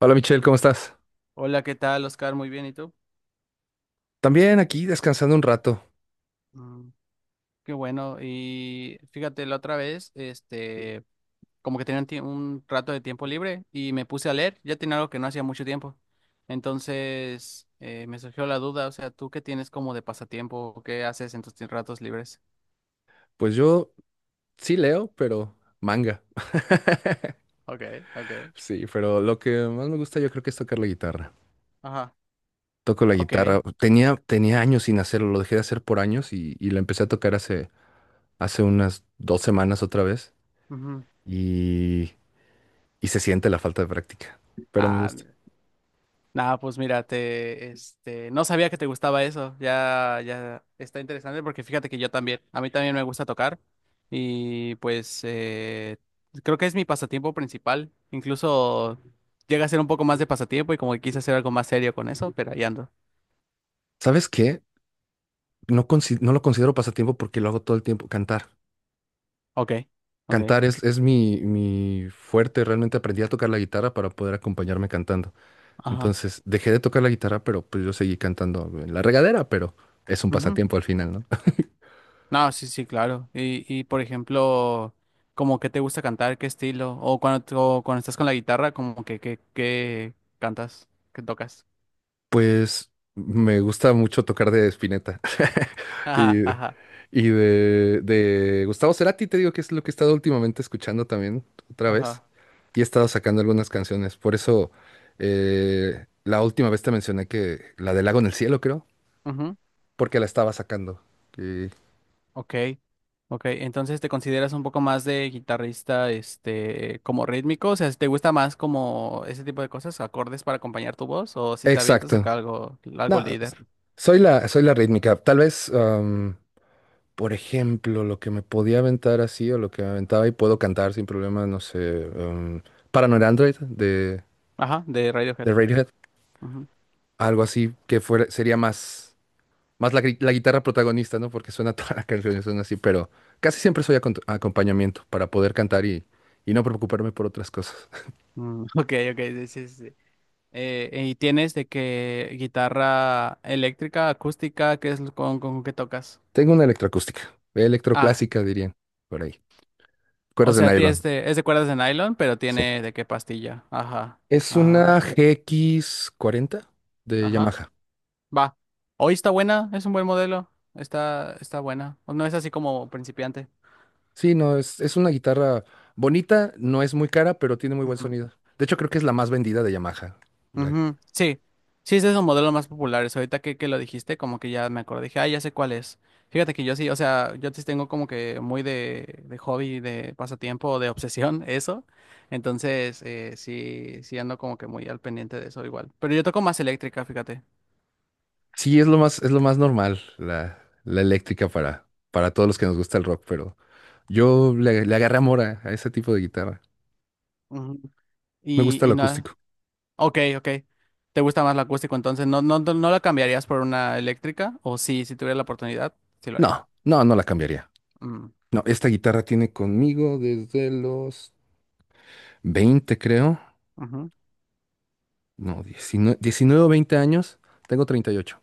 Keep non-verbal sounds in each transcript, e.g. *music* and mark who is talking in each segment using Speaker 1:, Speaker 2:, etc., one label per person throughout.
Speaker 1: Hola Michelle, ¿cómo estás?
Speaker 2: Hola, ¿qué tal, Oscar? Muy bien, ¿y tú?
Speaker 1: También aquí descansando un rato.
Speaker 2: Mm, qué bueno. Y fíjate, la otra vez, como que tenía un rato de tiempo libre y me puse a leer. Ya tenía algo que no hacía mucho tiempo. Entonces, me surgió la duda, o sea, ¿tú qué tienes como de pasatiempo? ¿O ¿Qué haces en tus ratos libres?
Speaker 1: Pues yo sí leo, pero manga.
Speaker 2: Okay, okay.
Speaker 1: Sí, pero lo que más me gusta yo creo que es tocar la guitarra.
Speaker 2: Ajá.
Speaker 1: Toco la guitarra.
Speaker 2: Okay.
Speaker 1: Tenía años sin hacerlo, lo dejé de hacer por años y la empecé a tocar hace, hace unas dos semanas otra vez
Speaker 2: Ujú.
Speaker 1: y, y se siente la falta de práctica, pero me
Speaker 2: Ah,
Speaker 1: gusta.
Speaker 2: nada, pues mira, no sabía que te gustaba eso. Ya, ya está interesante porque fíjate que yo también, a mí también me gusta tocar y pues creo que es mi pasatiempo principal. Incluso llega a ser un poco más de pasatiempo y como que quise hacer algo más serio con eso, pero ahí ando.
Speaker 1: ¿Sabes qué? No, no lo considero pasatiempo porque lo hago todo el tiempo, cantar.
Speaker 2: Ok, ok,
Speaker 1: Cantar es mi, mi fuerte, realmente aprendí a tocar la guitarra para poder acompañarme cantando.
Speaker 2: ajá,
Speaker 1: Entonces dejé de tocar la guitarra, pero pues yo seguí cantando en la regadera, pero es un
Speaker 2: ujú.
Speaker 1: pasatiempo al final, ¿no? *laughs*
Speaker 2: No, sí, sí, claro. Y por ejemplo, como que te gusta cantar, qué estilo, o cuando estás con la guitarra, como que cantas, que tocas.
Speaker 1: Pues me gusta mucho tocar de Spinetta *laughs*
Speaker 2: Ajá,
Speaker 1: y,
Speaker 2: ajá.
Speaker 1: y de Gustavo Cerati, te digo que es lo que he estado últimamente escuchando también otra vez
Speaker 2: Ajá.
Speaker 1: y he estado sacando algunas canciones. Por eso la última vez te mencioné que la del Lago en el Cielo, creo,
Speaker 2: Ujú.
Speaker 1: porque la estaba sacando. Y-
Speaker 2: Ok. Ok. Entonces te consideras un poco más de guitarrista, este, como rítmico. O sea, ¿si te gusta más como ese tipo de cosas, acordes para acompañar tu voz? ¿O si te avientas
Speaker 1: Exacto.
Speaker 2: acá algo, algo
Speaker 1: No,
Speaker 2: líder?
Speaker 1: soy la rítmica. Por ejemplo, lo que me podía aventar así o lo que me aventaba y puedo cantar sin problema, no sé, Paranoid Android
Speaker 2: Ajá, de Radiohead.
Speaker 1: de Radiohead,
Speaker 2: Ujú.
Speaker 1: algo así que fuera, sería más, más la, la guitarra protagonista, ¿no? Porque suena *laughs* toda la canción, y suena así, pero casi siempre soy acompañamiento para poder cantar y no preocuparme por otras cosas. *laughs*
Speaker 2: Mm, *laughs* ok, ok, sí, sí, sí, sí. ¿Y tienes de qué guitarra eléctrica, acústica, qué es lo con qué tocas?
Speaker 1: Tengo una electroacústica,
Speaker 2: Ah,
Speaker 1: electroclásica dirían, por ahí.
Speaker 2: o
Speaker 1: Cuerdas de
Speaker 2: sea,
Speaker 1: nylon,
Speaker 2: es de cuerdas de nylon, pero
Speaker 1: sí.
Speaker 2: tiene de qué pastilla. Ajá.
Speaker 1: Es una
Speaker 2: Ah,
Speaker 1: GX40 de
Speaker 2: ajá.
Speaker 1: Yamaha.
Speaker 2: Va. Hoy está buena, es un buen modelo. Está, está buena. No es así como principiante.
Speaker 1: Sí, no, es una guitarra bonita, no es muy cara, pero tiene muy buen
Speaker 2: Ujú.
Speaker 1: sonido. De hecho, creo que es la más vendida de Yamaha. La-
Speaker 2: Ujú. Sí. Sí, ese es un modelo más populares. Ahorita que lo dijiste, como que ya me acordé. Dije, ah, ya sé cuál es. Fíjate que yo sí, o sea, yo sí tengo como que muy de hobby, de pasatiempo, de obsesión, *laughs* eso. Entonces, sí, sí ando como que muy al pendiente de eso igual. Pero yo toco más eléctrica, fíjate.
Speaker 1: sí, es lo más normal, la eléctrica para todos los que nos gusta el rock, pero yo le, le agarré amor a ese tipo de guitarra.
Speaker 2: Ujú.
Speaker 1: Me gusta
Speaker 2: Y
Speaker 1: lo
Speaker 2: no.
Speaker 1: acústico.
Speaker 2: Ok, ok. ¿Te gusta más la acústico entonces? ¿No, no, no la cambiarías por una eléctrica? ¿O sí, si tuviera la oportunidad, sí lo haría?
Speaker 1: No, no, no la cambiaría.
Speaker 2: Mm,
Speaker 1: No, esta guitarra tiene conmigo desde los 20, creo.
Speaker 2: ujú.
Speaker 1: No, 19, 19 o 20 años. Tengo 38.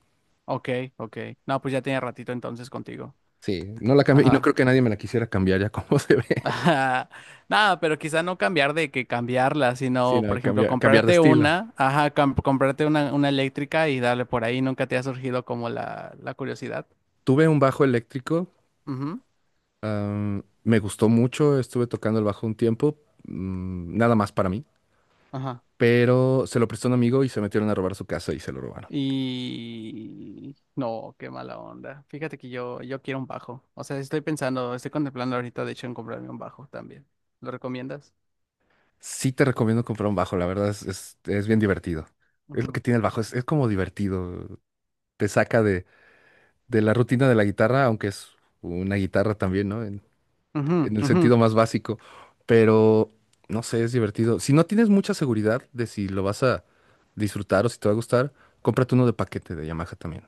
Speaker 2: Ok, ok. No, pues ya tenía ratito entonces contigo.
Speaker 1: Sí, no la cambio y no
Speaker 2: Ajá.
Speaker 1: creo que nadie me la quisiera cambiar ya como *laughs* se ve.
Speaker 2: *laughs* Ajá. Nada, pero quizá no cambiar de que cambiarla,
Speaker 1: Sí,
Speaker 2: sino, por
Speaker 1: no
Speaker 2: ejemplo,
Speaker 1: cambiar, cambiar de
Speaker 2: comprarte
Speaker 1: estilo.
Speaker 2: una, ajá, comprarte una eléctrica y darle por ahí. ¿Nunca te ha surgido como la curiosidad?
Speaker 1: Tuve un bajo eléctrico,
Speaker 2: Ujú.
Speaker 1: me gustó mucho, estuve tocando el bajo un tiempo, nada más para mí,
Speaker 2: Ajá.
Speaker 1: pero se lo prestó un amigo y se metieron a robar su casa y se lo robaron.
Speaker 2: Y no, qué mala onda. Fíjate que yo quiero un bajo. O sea, estoy pensando, estoy contemplando ahorita, de hecho, en comprarme un bajo también. ¿Lo recomiendas?
Speaker 1: Sí te recomiendo comprar un bajo, la verdad es bien divertido. Es lo que
Speaker 2: Ujú.
Speaker 1: tiene el bajo, es como divertido, te saca de la rutina de la guitarra, aunque es una guitarra también, ¿no?
Speaker 2: Ujú,
Speaker 1: En el
Speaker 2: ujú.
Speaker 1: sentido más básico, pero no sé, es divertido. Si no tienes mucha seguridad de si lo vas a disfrutar o si te va a gustar, cómprate uno de paquete de Yamaha también.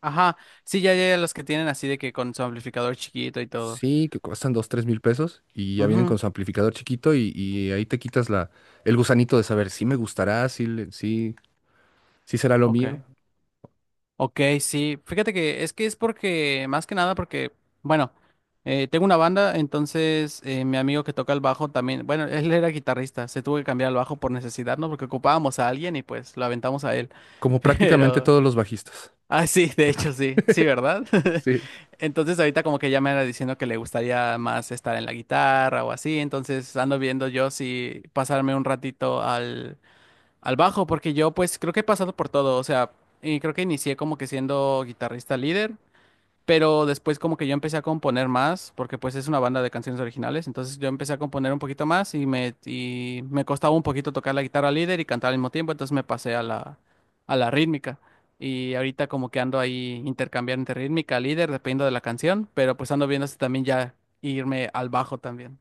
Speaker 2: Ajá. Sí, ya, ya, ya, los que tienen así de que con su amplificador chiquito y todo.
Speaker 1: Sí, que cuestan dos, tres mil pesos y ya vienen
Speaker 2: Ujú.
Speaker 1: con su amplificador chiquito y ahí te quitas la, el gusanito de saber si me gustará, si, si, si será lo
Speaker 2: Ok.
Speaker 1: mío,
Speaker 2: Ok, sí, fíjate que es porque, más que nada porque, bueno, tengo una banda, entonces mi amigo que toca el bajo también, bueno, él era guitarrista, se tuvo que cambiar al bajo por necesidad, ¿no? Porque ocupábamos a alguien y pues lo aventamos a él,
Speaker 1: como
Speaker 2: *laughs*
Speaker 1: prácticamente
Speaker 2: pero,
Speaker 1: todos los bajistas.
Speaker 2: ah, sí, de hecho sí, sí, ¿verdad? *laughs*
Speaker 1: Sí,
Speaker 2: Entonces ahorita como que ya me era diciendo que le gustaría más estar en la guitarra o así, entonces ando viendo yo si pasarme un ratito al al bajo, porque yo pues creo que he pasado por todo, o sea, y creo que inicié como que siendo guitarrista líder, pero después como que yo empecé a componer más, porque pues es una banda de canciones originales, entonces yo empecé a componer un poquito más y me costaba un poquito tocar la guitarra líder y cantar al mismo tiempo, entonces me pasé a la rítmica. Y ahorita como que ando ahí intercambiando entre rítmica, líder, dependiendo de la canción, pero pues ando viendo si también ya irme al bajo también.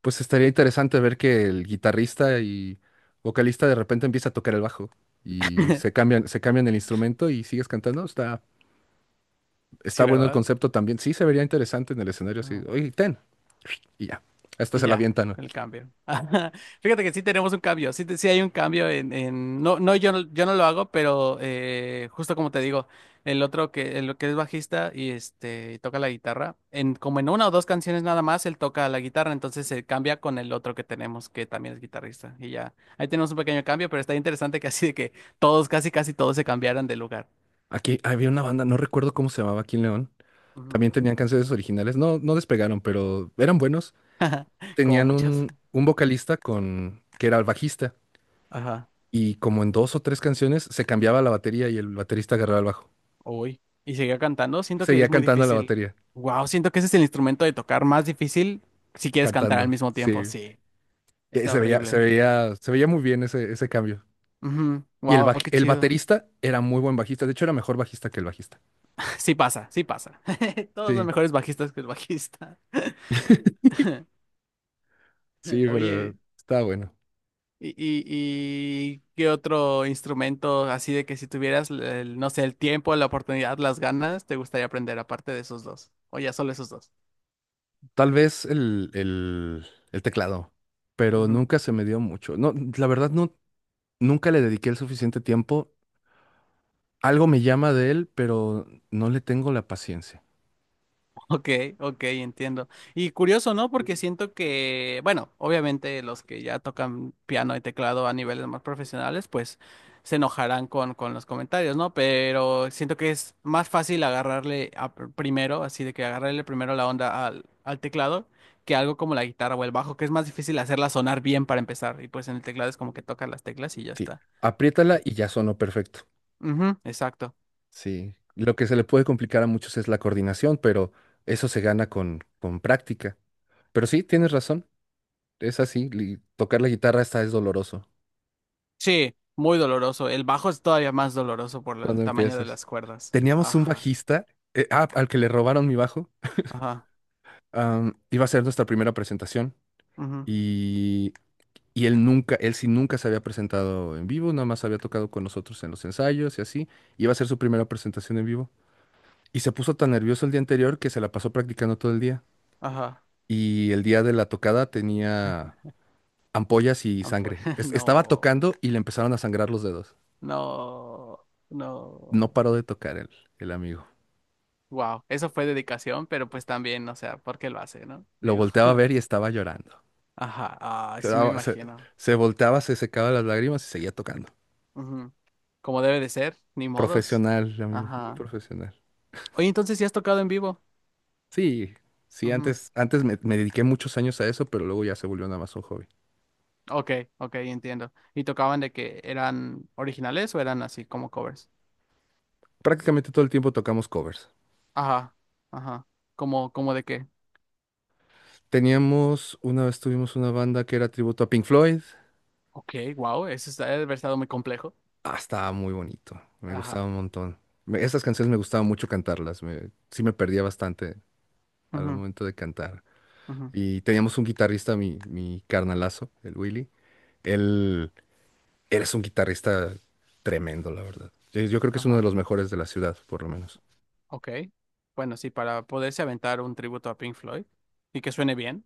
Speaker 1: pues estaría interesante ver que el guitarrista y vocalista de repente empieza a tocar el bajo y
Speaker 2: *laughs*
Speaker 1: se cambian el instrumento y sigues cantando. Está, está
Speaker 2: Sí,
Speaker 1: bueno el
Speaker 2: ¿verdad?
Speaker 1: concepto también. Sí, se vería interesante en el escenario así.
Speaker 2: Ajá.
Speaker 1: Oye, ten. Y ya, hasta
Speaker 2: Y
Speaker 1: se la
Speaker 2: ya,
Speaker 1: avientan.
Speaker 2: el cambio. *laughs* Fíjate que sí tenemos un cambio, sí, sí hay un cambio no, no, yo no lo hago, pero justo como te digo, el otro el que es bajista y este y toca la guitarra, en como en una o dos canciones nada más, él toca la guitarra, entonces se cambia con el otro que tenemos, que también es guitarrista. Y ya, ahí tenemos un pequeño cambio, pero está interesante que así de que todos, casi casi todos se cambiaran de lugar.
Speaker 1: Aquí había una banda, no recuerdo cómo se llamaba aquí en León.
Speaker 2: Ujú.
Speaker 1: También tenían canciones originales. No, no despegaron, pero eran buenos.
Speaker 2: Como
Speaker 1: Tenían
Speaker 2: muchas.
Speaker 1: un vocalista con, que era el bajista.
Speaker 2: Ajá.
Speaker 1: Y como en dos o tres canciones se cambiaba la batería y el baterista agarraba el bajo.
Speaker 2: Uy, y seguía cantando. Siento que
Speaker 1: Seguía
Speaker 2: es muy
Speaker 1: cantando la
Speaker 2: difícil.
Speaker 1: batería,
Speaker 2: Wow, siento que ese es el instrumento de tocar más difícil si quieres cantar al
Speaker 1: cantando.
Speaker 2: mismo tiempo.
Speaker 1: Sí.
Speaker 2: Sí,
Speaker 1: Y
Speaker 2: está
Speaker 1: se veía, se
Speaker 2: horrible.
Speaker 1: veía, se veía muy bien ese, ese cambio. Y el,
Speaker 2: Wow, qué
Speaker 1: el
Speaker 2: chido. *laughs*
Speaker 1: baterista era muy buen bajista. De hecho, era mejor bajista que el bajista.
Speaker 2: Sí pasa, sí pasa. *laughs* Todos son
Speaker 1: Sí,
Speaker 2: mejores bajistas que el bajista. *laughs*
Speaker 1: sí, pero
Speaker 2: Oye,
Speaker 1: está bueno.
Speaker 2: ¿y, y, y qué otro instrumento así de que si tuvieras, el, no sé, el tiempo, la oportunidad, las ganas, te gustaría aprender aparte de esos dos? O ya solo esos dos.
Speaker 1: Tal vez el teclado, pero nunca se me dio mucho. No, la verdad, no. Nunca le dediqué el suficiente tiempo. Algo me llama de él, pero no le tengo la paciencia.
Speaker 2: Ok, ok, entiendo. Y curioso, ¿no? Porque siento que, bueno, obviamente los que ya tocan piano y teclado a niveles más profesionales, pues se enojarán con los comentarios, ¿no? Pero siento que es más fácil agarrarle a primero, así de que agarrarle primero la onda al teclado, que algo como la guitarra o el bajo, que es más difícil hacerla sonar bien para empezar. Y pues en el teclado es como que tocas las teclas y ya
Speaker 1: Sí,
Speaker 2: está.
Speaker 1: apriétala y ya sonó perfecto.
Speaker 2: Ujú, exacto.
Speaker 1: Sí, lo que se le puede complicar a muchos es la coordinación, pero eso se gana con práctica. Pero sí, tienes razón. Es así, tocar la guitarra está es doloroso
Speaker 2: Sí, muy doloroso. El bajo es todavía más doloroso por el
Speaker 1: cuando
Speaker 2: tamaño de
Speaker 1: empiezas.
Speaker 2: las cuerdas.
Speaker 1: Teníamos un
Speaker 2: Ajá.
Speaker 1: bajista, al que le robaron mi bajo.
Speaker 2: Ajá,
Speaker 1: Iba a ser nuestra primera presentación
Speaker 2: ujú,
Speaker 1: y Y él nunca, él sí nunca se había presentado en vivo, nada más había tocado con nosotros en los ensayos y así. Y iba a ser su primera presentación en vivo. Y se puso tan nervioso el día anterior que se la pasó practicando todo el día.
Speaker 2: ajá.
Speaker 1: Y el día de la tocada tenía ampollas y
Speaker 2: Ah, pues,
Speaker 1: sangre.
Speaker 2: *laughs*
Speaker 1: Estaba
Speaker 2: no,
Speaker 1: tocando y le empezaron a sangrar los dedos.
Speaker 2: no,
Speaker 1: No
Speaker 2: no.
Speaker 1: paró de tocar el amigo.
Speaker 2: Wow, eso fue dedicación, pero pues también, o sea, ¿por qué lo hace, no?
Speaker 1: Lo
Speaker 2: Digo,
Speaker 1: volteaba a
Speaker 2: *laughs*
Speaker 1: ver y estaba llorando.
Speaker 2: ajá, ah, sí me
Speaker 1: Se,
Speaker 2: imagino.
Speaker 1: se volteaba, se secaba las lágrimas y seguía tocando.
Speaker 2: Ujú. Como debe de ser, ni modos.
Speaker 1: Profesional, amigo, muy
Speaker 2: Ajá.
Speaker 1: profesional.
Speaker 2: Oye, entonces, ¿sí has tocado en vivo?
Speaker 1: Sí, sí,
Speaker 2: Ujú.
Speaker 1: antes, antes me, me dediqué muchos años a eso, pero luego ya se volvió nada más un hobby.
Speaker 2: Ok, ok, entiendo. ¿Y tocaban de que eran originales o eran así como covers?
Speaker 1: Prácticamente todo el tiempo tocamos covers.
Speaker 2: Ajá, ajá. ¿Cómo, cómo de qué?
Speaker 1: Teníamos, una vez tuvimos una banda que era tributo a Pink Floyd.
Speaker 2: Ok, wow, eso está, debe haber estado muy complejo.
Speaker 1: Ah, estaba muy bonito, me gustaba
Speaker 2: Ajá.
Speaker 1: un montón. Esas canciones me gustaba mucho cantarlas, sí me perdía bastante al
Speaker 2: Ujú,
Speaker 1: momento de cantar.
Speaker 2: ujú,
Speaker 1: Y teníamos un guitarrista, mi carnalazo, el Willy. Él, él es un guitarrista tremendo, la verdad. Yo creo que es uno de
Speaker 2: ajá.
Speaker 1: los mejores de la ciudad, por lo menos.
Speaker 2: Ok. Bueno, sí, para poderse aventar un tributo a Pink Floyd y que suene bien,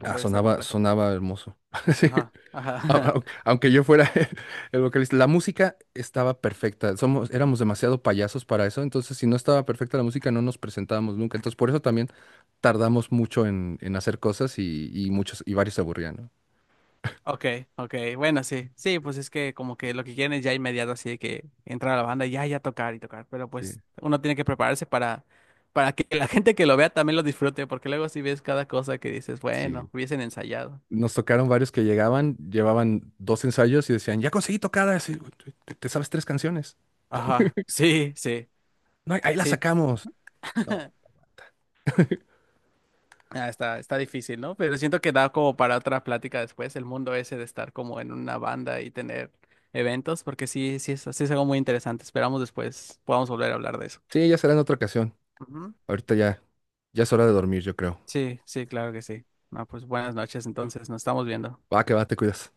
Speaker 1: Ah,
Speaker 2: debe estar
Speaker 1: sonaba,
Speaker 2: complejo.
Speaker 1: sonaba hermoso. *laughs* Sí,
Speaker 2: Ajá, ajá. *laughs*
Speaker 1: aunque yo fuera *laughs* el vocalista, la música estaba perfecta. Somos, éramos demasiado payasos para eso, entonces si no estaba perfecta la música no nos presentábamos nunca. Entonces por eso también tardamos mucho en hacer cosas y muchos y varios se aburrían, ¿no?
Speaker 2: Ok, ok. Bueno, sí. Sí, pues es que como que lo que quieren es ya inmediato así de que entrar a la banda y ya, ya tocar y tocar. Pero
Speaker 1: Sí,
Speaker 2: pues uno tiene que prepararse para que la gente que lo vea también lo disfrute, porque luego si ves cada cosa que dices,
Speaker 1: sí.
Speaker 2: bueno, hubiesen ensayado.
Speaker 1: Nos tocaron varios que llegaban, llevaban dos ensayos y decían, ya conseguí tocadas, y, te sabes tres canciones.
Speaker 2: Ajá.
Speaker 1: *laughs*
Speaker 2: Sí, sí,
Speaker 1: No, ahí las
Speaker 2: sí.
Speaker 1: sacamos. No.
Speaker 2: *laughs* Ah, está, está difícil, ¿no? Pero siento que da como para otra plática después, el mundo ese de estar como en una banda y tener eventos, porque sí, sí es algo muy interesante. Esperamos después podamos volver a hablar de eso.
Speaker 1: Sí, ya será en otra ocasión.
Speaker 2: Ujú.
Speaker 1: Ahorita ya, ya es hora de dormir, yo creo.
Speaker 2: Sí, sí, claro que sí. Ah, pues buenas noches, entonces, nos estamos viendo.
Speaker 1: Va, que va, te cuidas.